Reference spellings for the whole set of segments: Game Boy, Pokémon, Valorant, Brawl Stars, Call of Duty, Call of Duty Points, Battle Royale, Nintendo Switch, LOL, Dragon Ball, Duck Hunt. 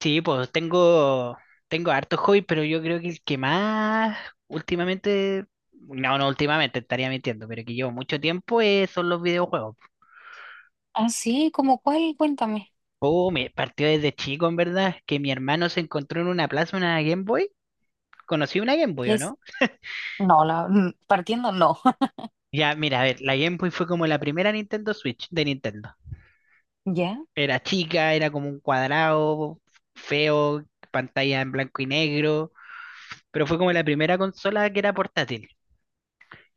Sí, pues tengo, tengo hartos hobbies, pero yo creo que el que más últimamente, no, no últimamente, estaría mintiendo, pero que llevo mucho tiempo son los videojuegos. Ah, sí, ¿cómo cuál? Cuéntame. Oh, me partió desde chico, en verdad, que mi hermano se encontró en una plaza una Game Boy. Conocí una Game Boy, ¿o Es, no? no, la, partiendo no. Ya, mira, a ver, la Game Boy fue como la primera Nintendo Switch de Nintendo. ¿Ya? Era chica, era como un cuadrado, feo, pantalla en blanco y negro, pero fue como la primera consola que era portátil.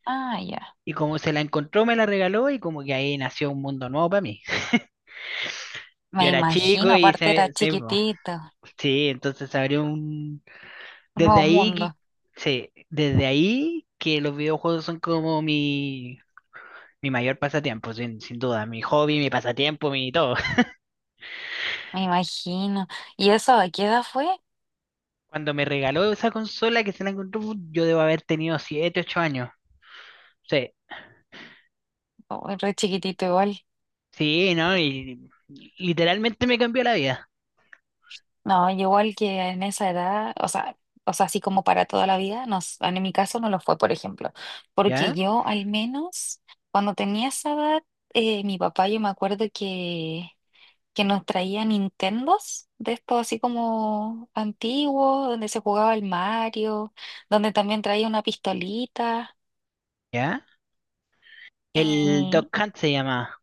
Ah, ya. Y como se la encontró, me la regaló y como que ahí nació un mundo nuevo para mí. Me Yo era chico imagino, y aparte era po. chiquitito, Sí, entonces se abrió un... un Desde nuevo ahí, que- mundo, sí, desde ahí que los videojuegos son como mi mayor pasatiempo, sin duda, mi hobby, mi pasatiempo, mi todo. me imagino. ¿Y eso a qué edad fue? Cuando me regaló esa consola que se la encontró, yo debo haber tenido siete ocho años. Sí, Oh, re chiquitito igual. sí, ¿no? Y literalmente me cambió la vida. No, yo igual que en esa edad, o sea, así como para toda la vida, no, en mi caso no lo fue, por ejemplo. Porque ¿Ya? yo al menos, cuando tenía esa edad, mi papá, yo me acuerdo que nos traía Nintendos, de estos así como antiguos, donde se jugaba el Mario, donde también traía una pistolita ¿Ya? El y Duck Hunt se llama.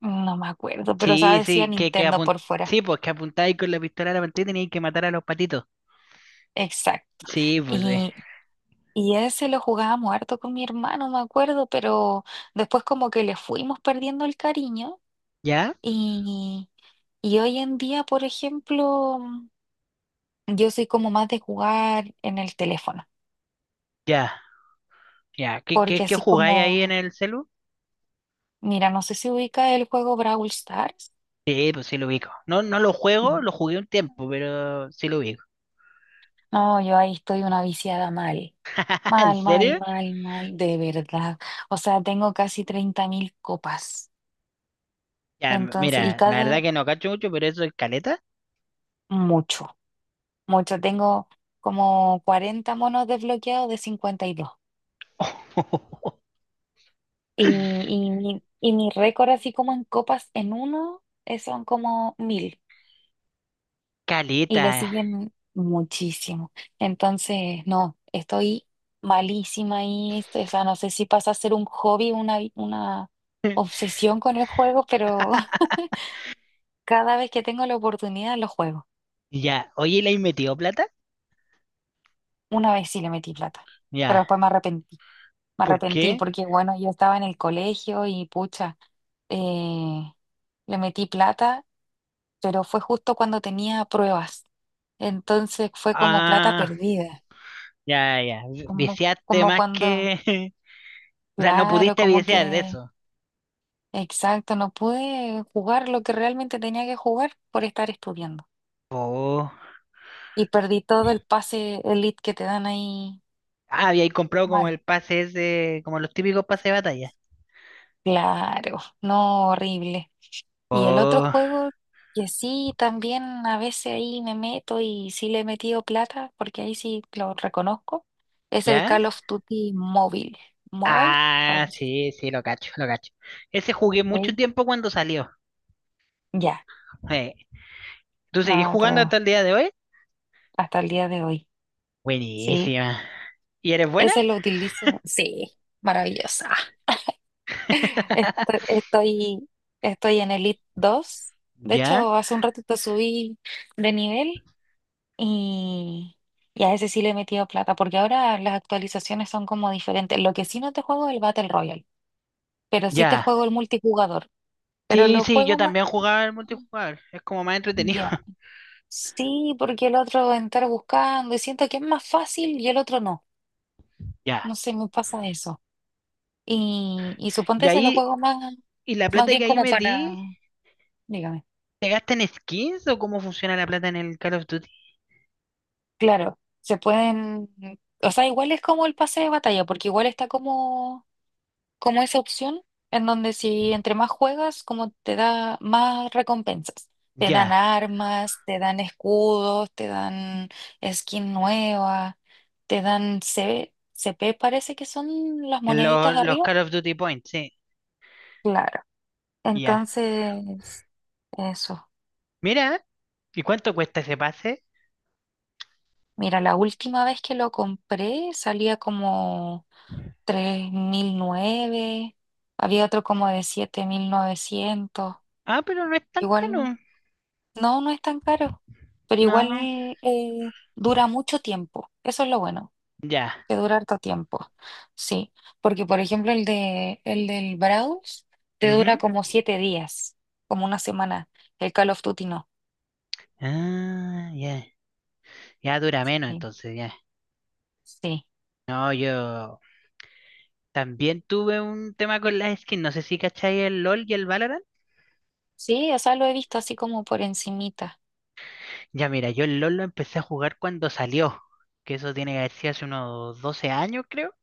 no me acuerdo, pero o sea, Sí, decía sí, Nintendo por fuera. sí, pues que apuntáis con la pistola a la pantalla y teníais que matar a los patitos. Exacto. Sí, pues sí. Y, y ese lo jugábamos harto con mi hermano, me acuerdo, pero después como que le fuimos perdiendo el cariño ¿Ya? y, y hoy en día, por ejemplo, yo soy como más de jugar en el teléfono, Ya, ya. ¿Qué, porque qué, qué así jugáis ahí en como... el celu? Mira, no sé si ubica el juego Brawl Stars. Sí, pues sí lo ubico. No, no lo juego, Mm. lo jugué un tiempo, pero sí lo ubico. No, yo ahí estoy una viciada mal. ¿En Mal, mal, serio? mal, mal, de verdad. O sea, tengo casi 30.000 copas. Ya, Entonces, y mira, la cada, verdad que no cacho mucho, pero eso es caleta. mucho, mucho. Tengo como 40 monos desbloqueados de 52. Y mi récord así como en copas en uno son como 1.000, y Caleta. le siguen muchísimo. Entonces, no, estoy malísima ahí, este, o sea, no sé si pasa a ser un hobby, una obsesión con el juego, pero cada vez que tengo la oportunidad lo juego. Ya, oye, ¿le has metido plata? Una vez sí le metí plata, pero Ya, después me arrepentí. Me ¿por arrepentí qué? porque, bueno, yo estaba en el colegio y pucha, eh, le metí plata, pero fue justo cuando tenía pruebas. Entonces fue como plata Ah, perdida, ya, ya. como, Viciaste como más cuando... que... O sea, no Claro, pudiste como viciar de que, eso. exacto, no pude jugar lo que realmente tenía que jugar por estar estudiando. Oh. Y perdí todo el pase elite que te dan ahí Ah, había comprado como mal. el pase ese, como los típicos pases de batalla. Claro, no, horrible. Y el otro Oh, juego que sí, también a veces ahí me meto y sí le he metido plata, porque ahí sí lo reconozco, es el ¿ya? Call of Duty móvil. ¿Mobile? Algo Ah, así. sí, sí, lo cacho, lo cacho. Ese jugué mucho Sí. tiempo cuando salió. Ya, Eh, ¿Tú seguís no, jugando pero hasta el día de hoy? hasta el día de hoy. Sí. Buenísima. ¿Y eres buena? Ese lo utilizo, sí, maravillosa. Estoy, estoy, estoy en Elite 2. De ¿Ya? hecho, hace un ratito subí de nivel y, y a ese sí le he metido plata, porque ahora las actualizaciones son como diferentes. Lo que sí no te juego es el Battle Royale, pero sí te Ya. juego el multijugador. Pero Sí, lo sí, yo juego más... también jugaba el multijugador. Es como más entretenido. Ya, sí, porque el otro entrar buscando y siento que es más fácil y el otro no. Ya. No sé, me pasa eso. Y Y suponte se los ahí, juegos más, ¿y la más plata bien que ahí como para, metí? dígame, ¿Te gastan en skins o cómo funciona la plata en el Call of Duty? claro, se pueden, o sea, igual es como el pase de batalla, porque igual está como, como esa opción en donde si entre más juegas, como te da más recompensas. Te dan Ya. armas, te dan escudos, te dan skin nueva, te dan CCP parece que son las En moneditas los arriba. Call of Duty Points, sí. Claro. Ya. Entonces, eso. Mira, ¿y cuánto cuesta ese pase? Mira, la última vez que lo compré salía como 3.009. Había otro como de 7.900. Ah, pero no es tan caro. Igual, no, no es tan caro, pero igual No, dura mucho tiempo. Eso es lo bueno, ya. que dura harto tiempo. Sí, porque por ejemplo el del Browse te dura Ujú. como 7 días, como una semana. El Call of Duty no. Ah, ya. Ya dura menos, Sí, entonces, ya. sí, No, yo también tuve un tema con las skins. No sé si cacháis el LOL y el Valorant. sí, o sea, lo he visto así como por encimita. Ya, mira, yo el LOL lo empecé a jugar cuando salió. Que eso tiene que haber sido hace unos 12 años, creo.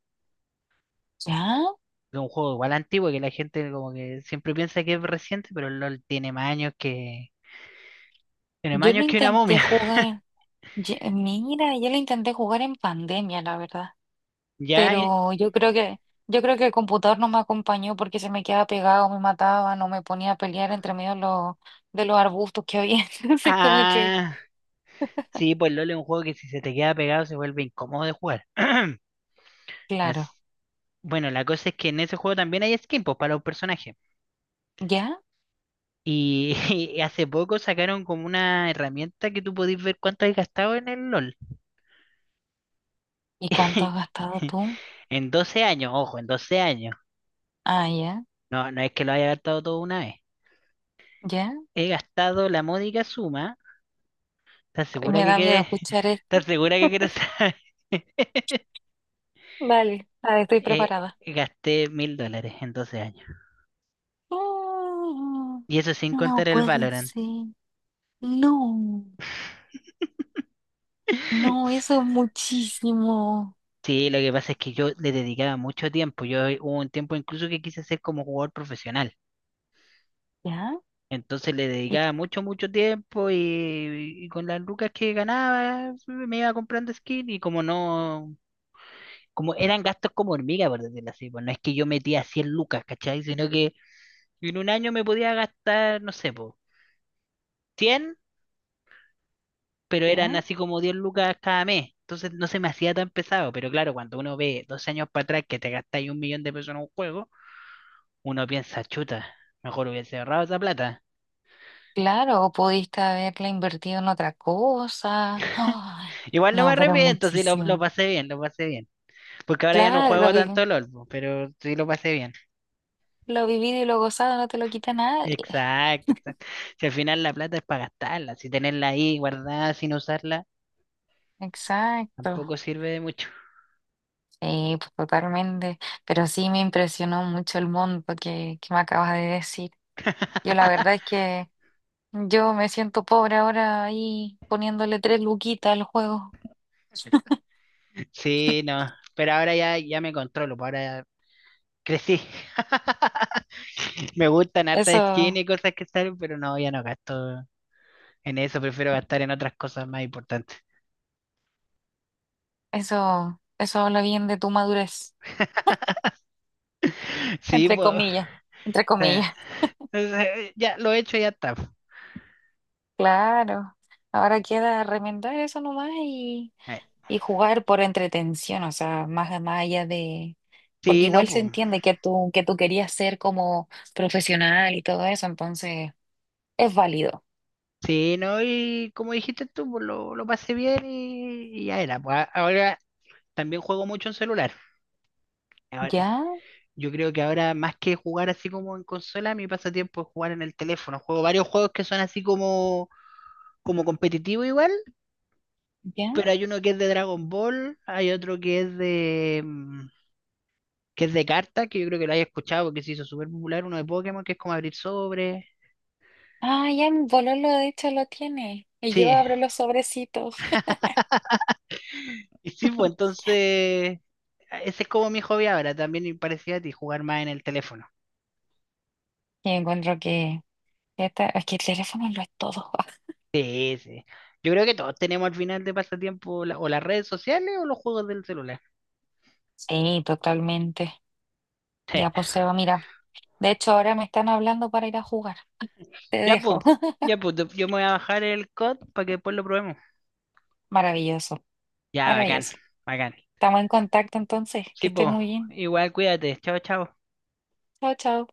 ¿Ya? Es un juego igual antiguo que la gente como que siempre piensa que es reciente, pero el LOL tiene más años que... Tiene más Yo lo años que una intenté momia. jugar, mira, yo lo intenté jugar en pandemia, la verdad, Ya, y- pero yo creo que el computador no me acompañó porque se me quedaba pegado, me mataba, no me ponía a pelear entre medio de los, arbustos que había, entonces como que, ah, sí, pues LOL es un juego que si se te queda pegado se vuelve incómodo de jugar. claro, As- bueno, la cosa es que en ese juego también hay skins pues, para los personajes. ¿ya? Y, y hace poco sacaron como una herramienta que tú podés ver cuánto has gastado en el LOL. ¿Y cuánto has gastado tú? En 12 años, ojo, en 12 años. Ah, ya, No, no es que lo haya gastado todo una vez. ya, He gastado la módica suma. ¿Estás segura me que da miedo quieres? escuchar ¿Estás esto. segura que quieres saber? Dale, dale, estoy preparada. gasté $1.000 en 12 años. Mm, Y eso sin No contar el puede Valorant. ser, no. No, eso es muchísimo. Sí, lo que pasa es que yo le dedicaba mucho tiempo. Yo hubo un tiempo incluso que quise ser como jugador profesional. ¿Ya? Entonces le ¿Y dedicaba mucho, mucho tiempo y con las lucas que ganaba sí, me iba comprando skin y como no, como eran gastos como hormiga, por decirlo así. Pues no es que yo metía 100 lucas, ¿cachai? Sino que en un año me podía gastar, no sé, po, 100, pero eran ya? así como 10 lucas cada mes. Entonces no se me hacía tan pesado. Pero claro, cuando uno ve dos años para atrás que te gastáis $1.000.000 en un juego uno piensa, chuta, mejor hubiese ahorrado esa plata. Claro, pudiste haberla invertido en otra cosa. Ay, Igual no me no, pero arrepiento, si lo, lo muchísimo. pasé bien, lo pasé bien. Porque ahora ya no Claro, lo juego vi, tanto LOL, po, pero sí lo pasé bien. lo vivido y lo gozado no te lo quita nadie. Exacto, exacto. Si al final la plata es para gastarla, si tenerla ahí guardada sin usarla, Exacto. tampoco sirve de mucho. Sí, pues totalmente. Pero sí me impresionó mucho el monto que me acabas de decir. Yo la verdad es que yo me siento pobre ahora ahí poniéndole tres luquitas al juego. Sí, no, pero ahora ya, ya me controlo, po, ahora crecí. Me gustan hartas Eso. skins y cosas que salen, pero no, ya no gasto en eso, prefiero gastar en otras cosas más importantes. Eso habla bien de tu madurez, Sí, entre pues. comillas, entre Sea, comillas. o sea, ya lo he hecho, ya está. Claro. Ahora queda remendar eso nomás Eh, y jugar por entretención, o sea, más, más allá de... Porque Sí, no, igual se pues. entiende que tú, querías ser como profesional y todo eso, entonces es válido. Sí, no, y como dijiste tú, pues lo pasé bien y ya era. Pues ahora también juego mucho en celular. Ahora, ¿Ya? yo creo que ahora más que jugar así como en consola, mi pasatiempo es jugar en el teléfono. Juego varios juegos que son así como, como competitivo igual, ¿Ya? pero hay uno que es de Dragon Ball, hay otro que es de que es de cartas, que yo creo que lo hayas escuchado porque se hizo súper popular, uno de Pokémon que es como abrir sobre. Ah, ya mi bololo de hecho lo tiene. Y yo Sí, abro los sobrecitos y sí, pues entonces, ese es como mi hobby ahora, también me parecía a ti, jugar más en el teléfono. y encuentro que es que el teléfono lo es todo. Sí, sí. Yo creo que todos tenemos al final de pasatiempo la- o las redes sociales o los juegos del celular. Sí, totalmente. Sí. Ya, pues Seba, mira. De hecho, ahora me están hablando para ir a jugar. Te dejo. Ya pues, yo me voy a bajar el COD para que después lo probemos. Maravilloso, Ya, bacán, maravilloso. bacán. Estamos en contacto entonces. Que Sí, estén pues, muy bien. igual cuídate. Chao, chao. Chao, chao.